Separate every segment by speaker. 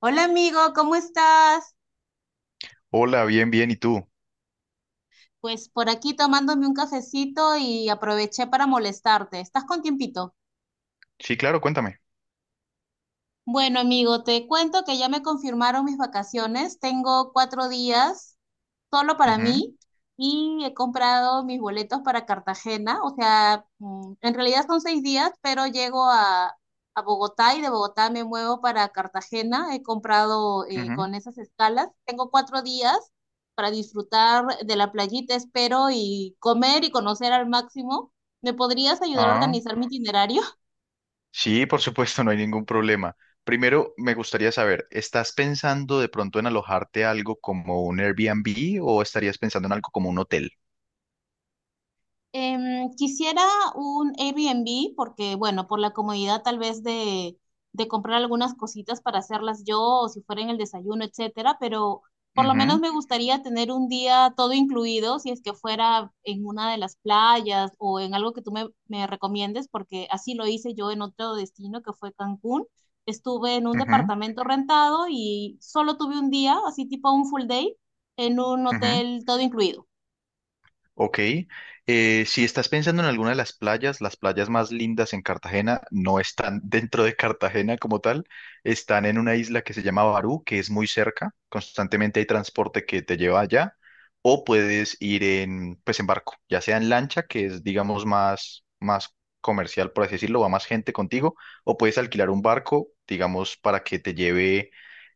Speaker 1: Hola amigo, ¿cómo estás?
Speaker 2: Hola, bien, bien, ¿y tú?
Speaker 1: Pues por aquí tomándome un cafecito y aproveché para molestarte. ¿Estás con tiempito?
Speaker 2: Sí, claro, cuéntame.
Speaker 1: Bueno, amigo, te cuento que ya me confirmaron mis vacaciones. Tengo cuatro días solo para
Speaker 2: Ujú,
Speaker 1: mí y he comprado mis boletos para Cartagena. O sea, en realidad son 6 días, pero llego a Bogotá y de Bogotá me muevo para Cartagena. He comprado
Speaker 2: ujú.
Speaker 1: con esas escalas. Tengo cuatro días para disfrutar de la playita, espero, y comer y conocer al máximo. ¿Me podrías ayudar a
Speaker 2: Ah,
Speaker 1: organizar mi itinerario?
Speaker 2: sí, por supuesto, no hay ningún problema. Primero, me gustaría saber, ¿estás pensando de pronto en alojarte algo como un Airbnb o estarías pensando en algo como un hotel?
Speaker 1: Quisiera un Airbnb porque, bueno, por la comodidad tal vez de comprar algunas cositas para hacerlas yo o si fuera en el desayuno, etcétera, pero por lo
Speaker 2: Ujú,
Speaker 1: menos me gustaría tener un día todo incluido si es que fuera en una de las playas o en algo que tú me recomiendes porque así lo hice yo en otro destino que fue Cancún. Estuve en un
Speaker 2: ujú,
Speaker 1: departamento rentado y solo tuve un día, así tipo un full day, en un
Speaker 2: ujú.
Speaker 1: hotel todo incluido.
Speaker 2: Ok, si estás pensando en alguna de las playas más lindas en Cartagena no están dentro de Cartagena como tal, están en una isla que se llama Barú, que es muy cerca, constantemente hay transporte que te lleva allá, o puedes ir en, pues en barco, ya sea en lancha, que es digamos más comercial, por así decirlo, va más gente contigo, o puedes alquilar un barco, digamos, para que te lleve,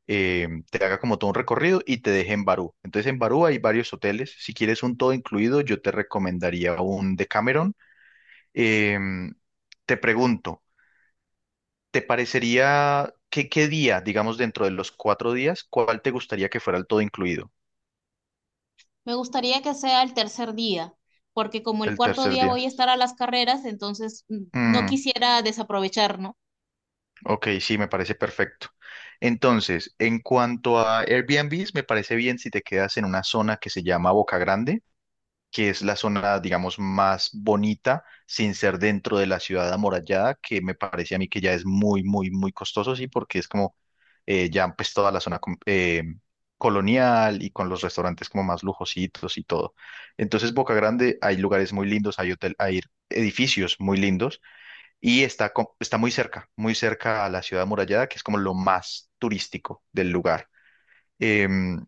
Speaker 2: eh, te haga como todo un recorrido y te deje en Barú. Entonces en Barú hay varios hoteles. Si quieres un todo incluido, yo te recomendaría un Decameron. Em, te pregunto, ¿te parecería qué día, digamos dentro de los cuatro días, cuál te gustaría que fuera el todo incluido?
Speaker 1: Me gustaría que sea el tercer día, porque como el
Speaker 2: El
Speaker 1: cuarto
Speaker 2: tercer
Speaker 1: día
Speaker 2: día.
Speaker 1: voy a estar a las carreras, entonces no
Speaker 2: Mm,
Speaker 1: quisiera desaprovechar, ¿no?
Speaker 2: ok, sí, me parece perfecto. Entonces, en cuanto a Airbnbs, me parece bien si te quedas en una zona que se llama Boca Grande, que es la zona, digamos, más bonita, sin ser dentro de la ciudad amurallada, que me parece a mí que ya es muy, muy, muy costoso, sí, porque es como ya pues toda la zona colonial y con los restaurantes como más lujositos y todo. Entonces, Boca Grande, hay lugares muy lindos, hay hotel, hay edificios muy lindos y está, está muy cerca a la ciudad amurallada, que es como lo más turístico del lugar. Em,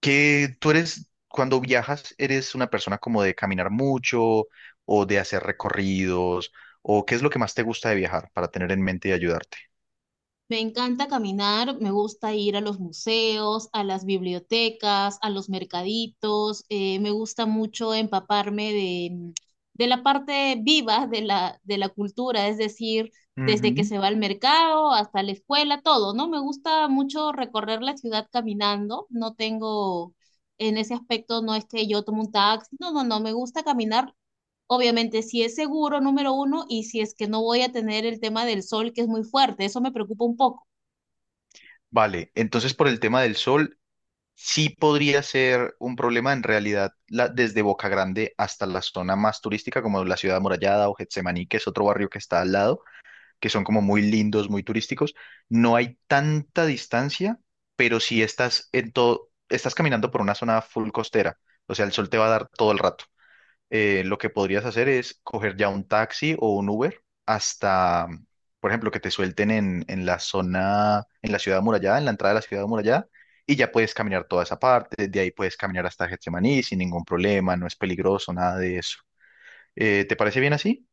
Speaker 2: que tú eres, cuando viajas, eres una persona como de caminar mucho o de hacer recorridos, o qué es lo que más te gusta de viajar para tener en mente y ayudarte.
Speaker 1: Me encanta caminar, me gusta ir a los museos, a las bibliotecas, a los mercaditos, me gusta mucho empaparme de la parte viva de de la cultura, es decir, desde que
Speaker 2: Ujú.
Speaker 1: se va al mercado hasta la escuela, todo, ¿no? Me gusta mucho recorrer la ciudad caminando, no tengo, en ese aspecto no es que yo tomo un taxi, no, no, no, me gusta caminar. Obviamente, si es seguro, número uno, y si es que no voy a tener el tema del sol, que es muy fuerte, eso me preocupa un poco.
Speaker 2: Vale, entonces por el tema del sol, sí podría ser un problema en realidad desde Boca Grande hasta la zona más turística como la Ciudad Amurallada o Getsemaní, que es otro barrio que está al lado, que son como muy lindos, muy turísticos. No hay tanta distancia, pero si estás en todo, estás caminando por una zona full costera, o sea, el sol te va a dar todo el rato. Lo que podrías hacer es coger ya un taxi o un Uber hasta, por ejemplo, que te suelten en la zona, en la ciudad amurallada, en la entrada de la ciudad amurallada, y ya puedes caminar toda esa parte, de ahí puedes caminar hasta Getsemaní sin ningún problema, no es peligroso, nada de eso. ¿Te parece bien así?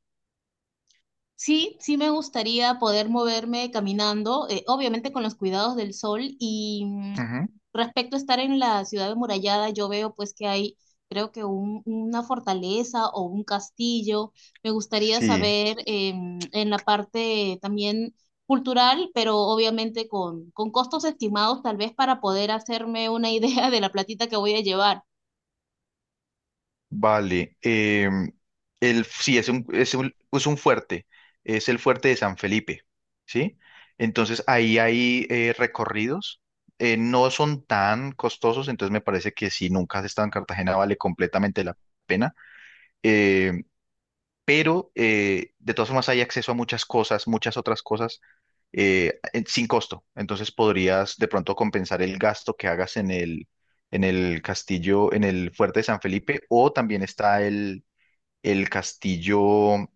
Speaker 1: Sí, sí me gustaría poder moverme caminando, obviamente con los cuidados del sol y
Speaker 2: Ujú.
Speaker 1: respecto a estar en la ciudad amurallada, yo veo pues que hay creo que una fortaleza o un castillo. Me gustaría
Speaker 2: Sí.
Speaker 1: saber en la parte también cultural, pero obviamente con costos estimados tal vez para poder hacerme una idea de la platita que voy a llevar.
Speaker 2: Vale, sí, es un, es un fuerte, es el fuerte de San Felipe, ¿sí? Entonces ahí hay recorridos, no son tan costosos, entonces me parece que si nunca has estado en Cartagena vale completamente la pena, eh, pero de todas formas hay acceso a muchas cosas, muchas otras cosas sin costo, entonces podrías de pronto compensar el gasto que hagas en el castillo, en el fuerte de San Felipe, o también está el castillo,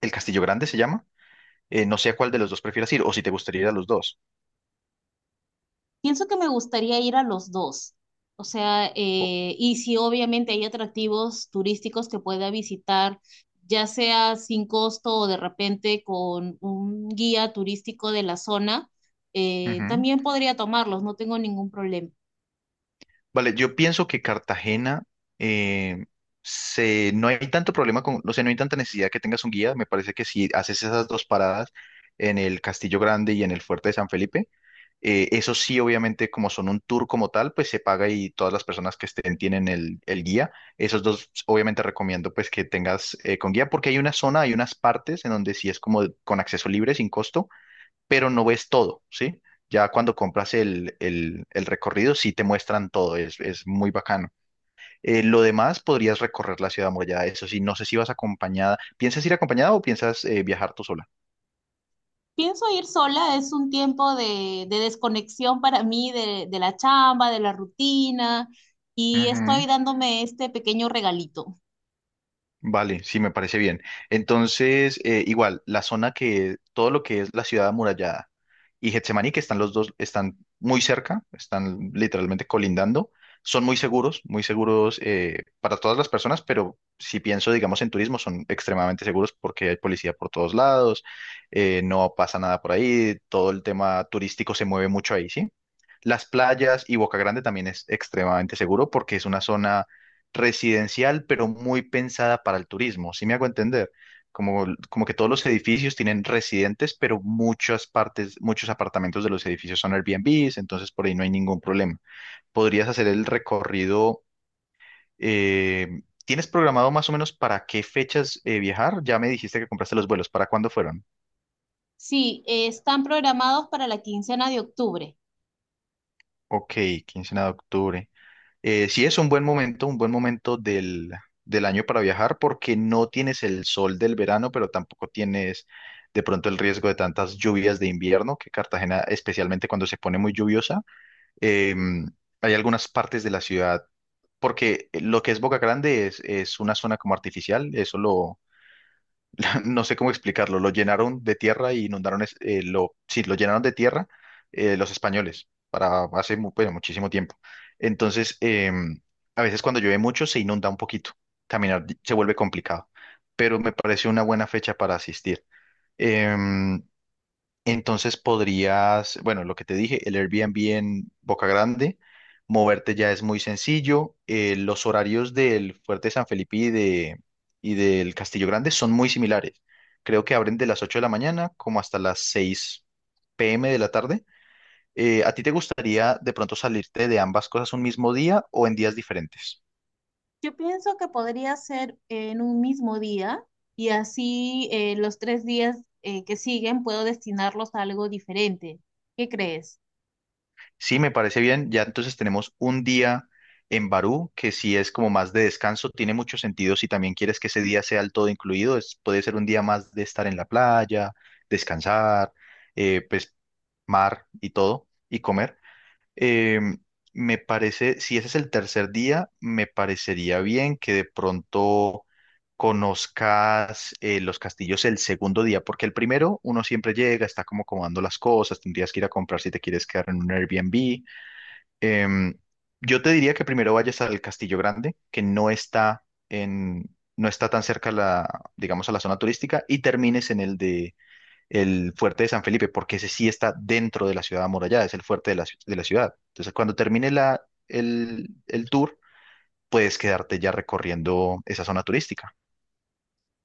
Speaker 2: el castillo grande se llama. No sé a cuál de los dos prefieras ir o si te gustaría ir a los dos.
Speaker 1: Pienso que me gustaría ir a los dos. O sea,
Speaker 2: O-
Speaker 1: y si obviamente hay atractivos turísticos que pueda visitar, ya sea sin costo o de repente con un guía turístico de la zona,
Speaker 2: Ujú.
Speaker 1: también podría tomarlos, no tengo ningún problema.
Speaker 2: Vale, yo pienso que Cartagena eh, no hay tanto problema con, no sé, no hay tanta necesidad que tengas un guía. Me parece que si haces esas dos paradas en el Castillo Grande y en el Fuerte de San Felipe. Eso sí, obviamente, como son un tour como tal, pues se paga y todas las personas que estén tienen el guía. Esos dos, obviamente, recomiendo pues que tengas con guía, porque hay una zona, hay unas partes en donde sí es como con acceso libre, sin costo, pero no ves todo, ¿sí? Ya cuando compras el recorrido, sí te muestran todo, es muy bacano. Lo demás, podrías recorrer la ciudad amurallada, eso sí, no sé si vas acompañada. ¿Piensas ir acompañada o piensas viajar tú sola?
Speaker 1: Pienso ir sola, es un tiempo de desconexión para mí de la chamba, de la rutina, y
Speaker 2: Ujú.
Speaker 1: estoy dándome este pequeño regalito.
Speaker 2: Vale, sí, me parece bien. Entonces, igual, la zona que, todo lo que es la ciudad amurallada y Getsemaní, que están los dos, están muy cerca, están literalmente colindando, son muy seguros para todas las personas, pero si pienso, digamos, en turismo, son extremadamente seguros porque hay policía por todos lados, no pasa nada por ahí, todo el tema turístico se mueve mucho ahí, ¿sí? Las playas y Boca Grande también es extremadamente seguro porque es una zona residencial, pero muy pensada para el turismo. ¿Sí me hago entender? Como, como que todos los edificios tienen residentes, pero muchas partes, muchos apartamentos de los edificios son Airbnbs, entonces por ahí no hay ningún problema. Podrías hacer el recorrido. ¿Tienes programado más o menos para qué fechas viajar? Ya me dijiste que compraste los vuelos. ¿Para cuándo fueron?
Speaker 1: Sí, están programados para la quincena de octubre.
Speaker 2: Ok, quincena de octubre. Sí es un buen momento del año para viajar porque no tienes el sol del verano, pero tampoco tienes de pronto el riesgo de tantas lluvias de invierno, que Cartagena, especialmente cuando se pone muy lluviosa, eh, hay algunas partes de la ciudad, porque lo que es Boca Grande es una zona como artificial, eso no sé cómo explicarlo, lo llenaron de tierra y inundaron, sí, lo llenaron de tierra los españoles para bueno, muchísimo tiempo. Entonces, a veces cuando llueve mucho se inunda un poquito, caminar se vuelve complicado, pero me pareció una buena fecha para asistir. Em, entonces podrías, bueno, lo que te dije, el Airbnb en Boca Grande, moverte ya es muy sencillo. Los horarios del Fuerte San Felipe y del Castillo Grande son muy similares. Creo que abren de las 8 de la mañana como hasta las 6 p.m. de la tarde. ¿A ti te gustaría de pronto salirte de ambas cosas un mismo día o en días diferentes?
Speaker 1: Yo pienso que podría ser en un mismo día y así los 3 días que siguen puedo destinarlos a algo diferente. ¿Qué crees?
Speaker 2: Sí, me parece bien. Ya entonces tenemos un día en Barú, que si es como más de descanso, tiene mucho sentido. Si también quieres que ese día sea el todo incluido, es, puede ser un día más de estar en la playa, descansar, pues mar y todo, y comer. Em, me parece, si ese es el tercer día, me parecería bien que de pronto conozcas los castillos el segundo día, porque el primero uno siempre llega, está como acomodando las cosas, tendrías que ir a comprar si te quieres quedar en un Airbnb. Em, yo te diría que primero vayas al Castillo Grande, que no está en, no está tan cerca a digamos, a la zona turística, y termines en el de el Fuerte de San Felipe, porque ese sí está dentro de la ciudad amurallada, es el fuerte de de la ciudad. Entonces, cuando termine el tour, puedes quedarte ya recorriendo esa zona turística.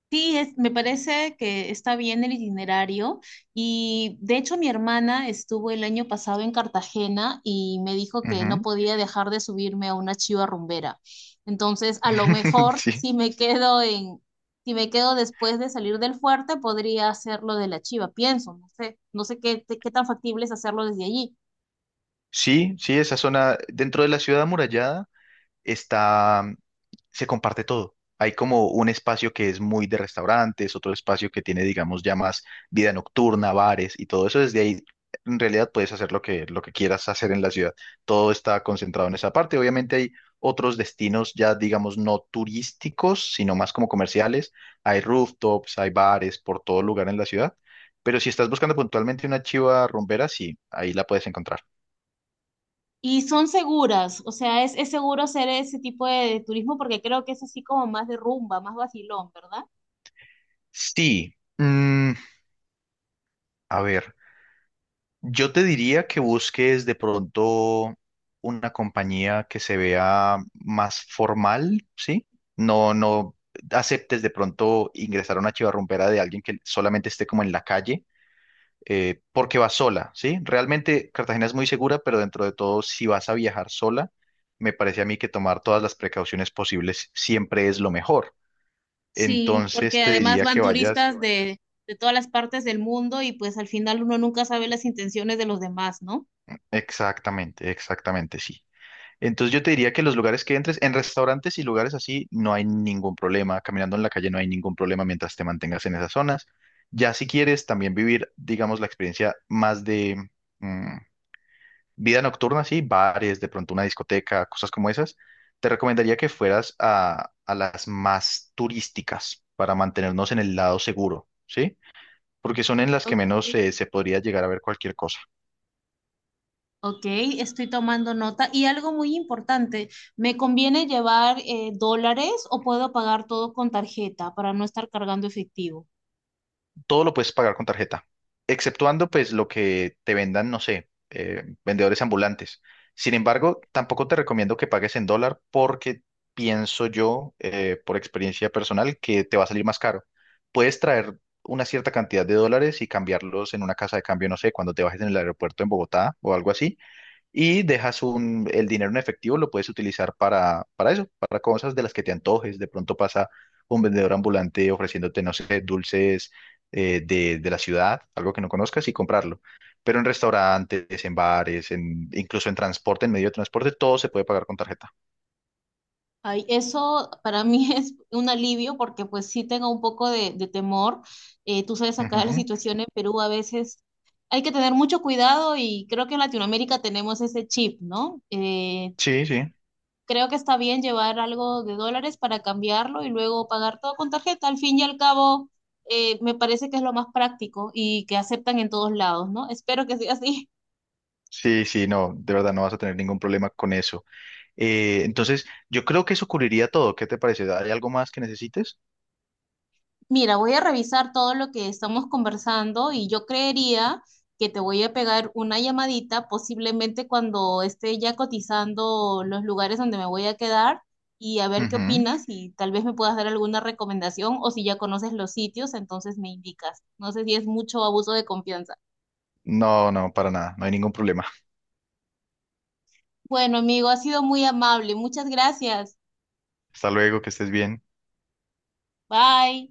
Speaker 1: Sí, me parece que está bien el itinerario y de hecho mi hermana estuvo el año pasado en Cartagena y me dijo que no
Speaker 2: Ujú.
Speaker 1: podía dejar de subirme a una chiva rumbera. Entonces, a lo mejor
Speaker 2: Sí.
Speaker 1: si si me quedo después de salir del fuerte, podría hacerlo de la chiva, pienso, no sé, no sé qué tan factible es hacerlo desde allí.
Speaker 2: Sí, sí, esa zona dentro de la ciudad amurallada está, se comparte todo. Hay como un espacio que es muy de restaurantes, otro espacio que tiene, digamos, ya más vida nocturna, bares y todo eso. Desde ahí, en realidad, puedes hacer lo que quieras hacer en la ciudad. Todo está concentrado en esa parte. Obviamente hay otros destinos ya, digamos, no turísticos, sino más como comerciales. Hay rooftops, hay bares por todo lugar en la ciudad. Pero si estás buscando puntualmente una chiva rumbera, sí, ahí la puedes encontrar.
Speaker 1: Y son seguras, o sea, es seguro hacer ese tipo de turismo porque creo que es así como más de rumba, más vacilón, ¿verdad?
Speaker 2: Sí. A ver. Yo te diría que busques de pronto una compañía que se vea más formal, ¿sí? No, no aceptes de pronto ingresar a una chivarrumbera de alguien que solamente esté como en la calle, porque va sola, ¿sí? Realmente Cartagena es muy segura, pero dentro de todo, si vas a viajar sola, me parece a mí que tomar todas las precauciones posibles siempre es lo mejor.
Speaker 1: Sí,
Speaker 2: Entonces
Speaker 1: porque
Speaker 2: te
Speaker 1: además
Speaker 2: diría
Speaker 1: van
Speaker 2: que
Speaker 1: sí,
Speaker 2: vayas.
Speaker 1: turistas de todas las partes del mundo y pues al final uno nunca sabe las intenciones de los demás, ¿no?
Speaker 2: Exactamente, exactamente, sí. Entonces yo te diría que los lugares que entres, en restaurantes y lugares así, no hay ningún problema. Caminando en la calle no hay ningún problema mientras te mantengas en esas zonas. Ya si quieres también vivir, digamos, la experiencia más de mm, vida nocturna, sí, bares, de pronto una discoteca, cosas como esas, te recomendaría que fueras a las más turísticas para mantenernos en el lado seguro, ¿sí? Porque son en las
Speaker 1: Ok,
Speaker 2: que menos se podría llegar a ver cualquier cosa.
Speaker 1: ok, estoy tomando nota. Y algo muy importante, ¿me conviene llevar dólares o puedo pagar todo con tarjeta para no estar cargando efectivo?
Speaker 2: Todo lo puedes pagar con tarjeta, exceptuando pues lo que te vendan, no sé, vendedores ambulantes. Sin embargo, tampoco te recomiendo que pagues en dólar porque pienso yo, por experiencia personal, que te va a salir más caro. Puedes traer una cierta cantidad de dólares y cambiarlos en una casa de cambio, no sé, cuando te bajes en el aeropuerto en Bogotá o algo así, y dejas un, el dinero en efectivo, lo puedes utilizar para eso, para cosas de las que te antojes. De pronto pasa un vendedor ambulante ofreciéndote, no sé, dulces de la ciudad, algo que no conozcas y comprarlo. Pero en restaurantes, en bares, incluso en transporte, en medio de transporte, todo se puede pagar con tarjeta.
Speaker 1: Ay, eso para mí es un alivio porque pues sí tengo un poco de temor. Tú sabes, acá la
Speaker 2: Ujú.
Speaker 1: situación en Perú a veces hay que tener mucho cuidado y creo que en Latinoamérica tenemos ese chip, ¿no?
Speaker 2: Sí, sí.
Speaker 1: Creo que está bien llevar algo de dólares para cambiarlo y luego pagar todo con tarjeta. Al fin y al cabo, me parece que es lo más práctico y que aceptan en todos lados, ¿no? Espero que sea así.
Speaker 2: Sí, sí, no, de verdad no vas a tener ningún problema con eso. Entonces, yo creo que eso cubriría todo. ¿Qué te parece? ¿Hay algo más que necesites?
Speaker 1: Mira, voy a revisar todo lo que estamos conversando y yo creería que te voy a pegar una llamadita, posiblemente cuando esté ya cotizando los lugares donde me voy a quedar y a ver qué
Speaker 2: Ujú.
Speaker 1: opinas y tal vez me puedas dar alguna recomendación o si ya conoces los sitios, entonces me indicas. No sé si es mucho abuso de confianza.
Speaker 2: No, no, para nada, no hay ningún problema.
Speaker 1: Bueno, amigo, ha sido muy amable. Muchas gracias.
Speaker 2: Hasta luego, que estés bien.
Speaker 1: Bye.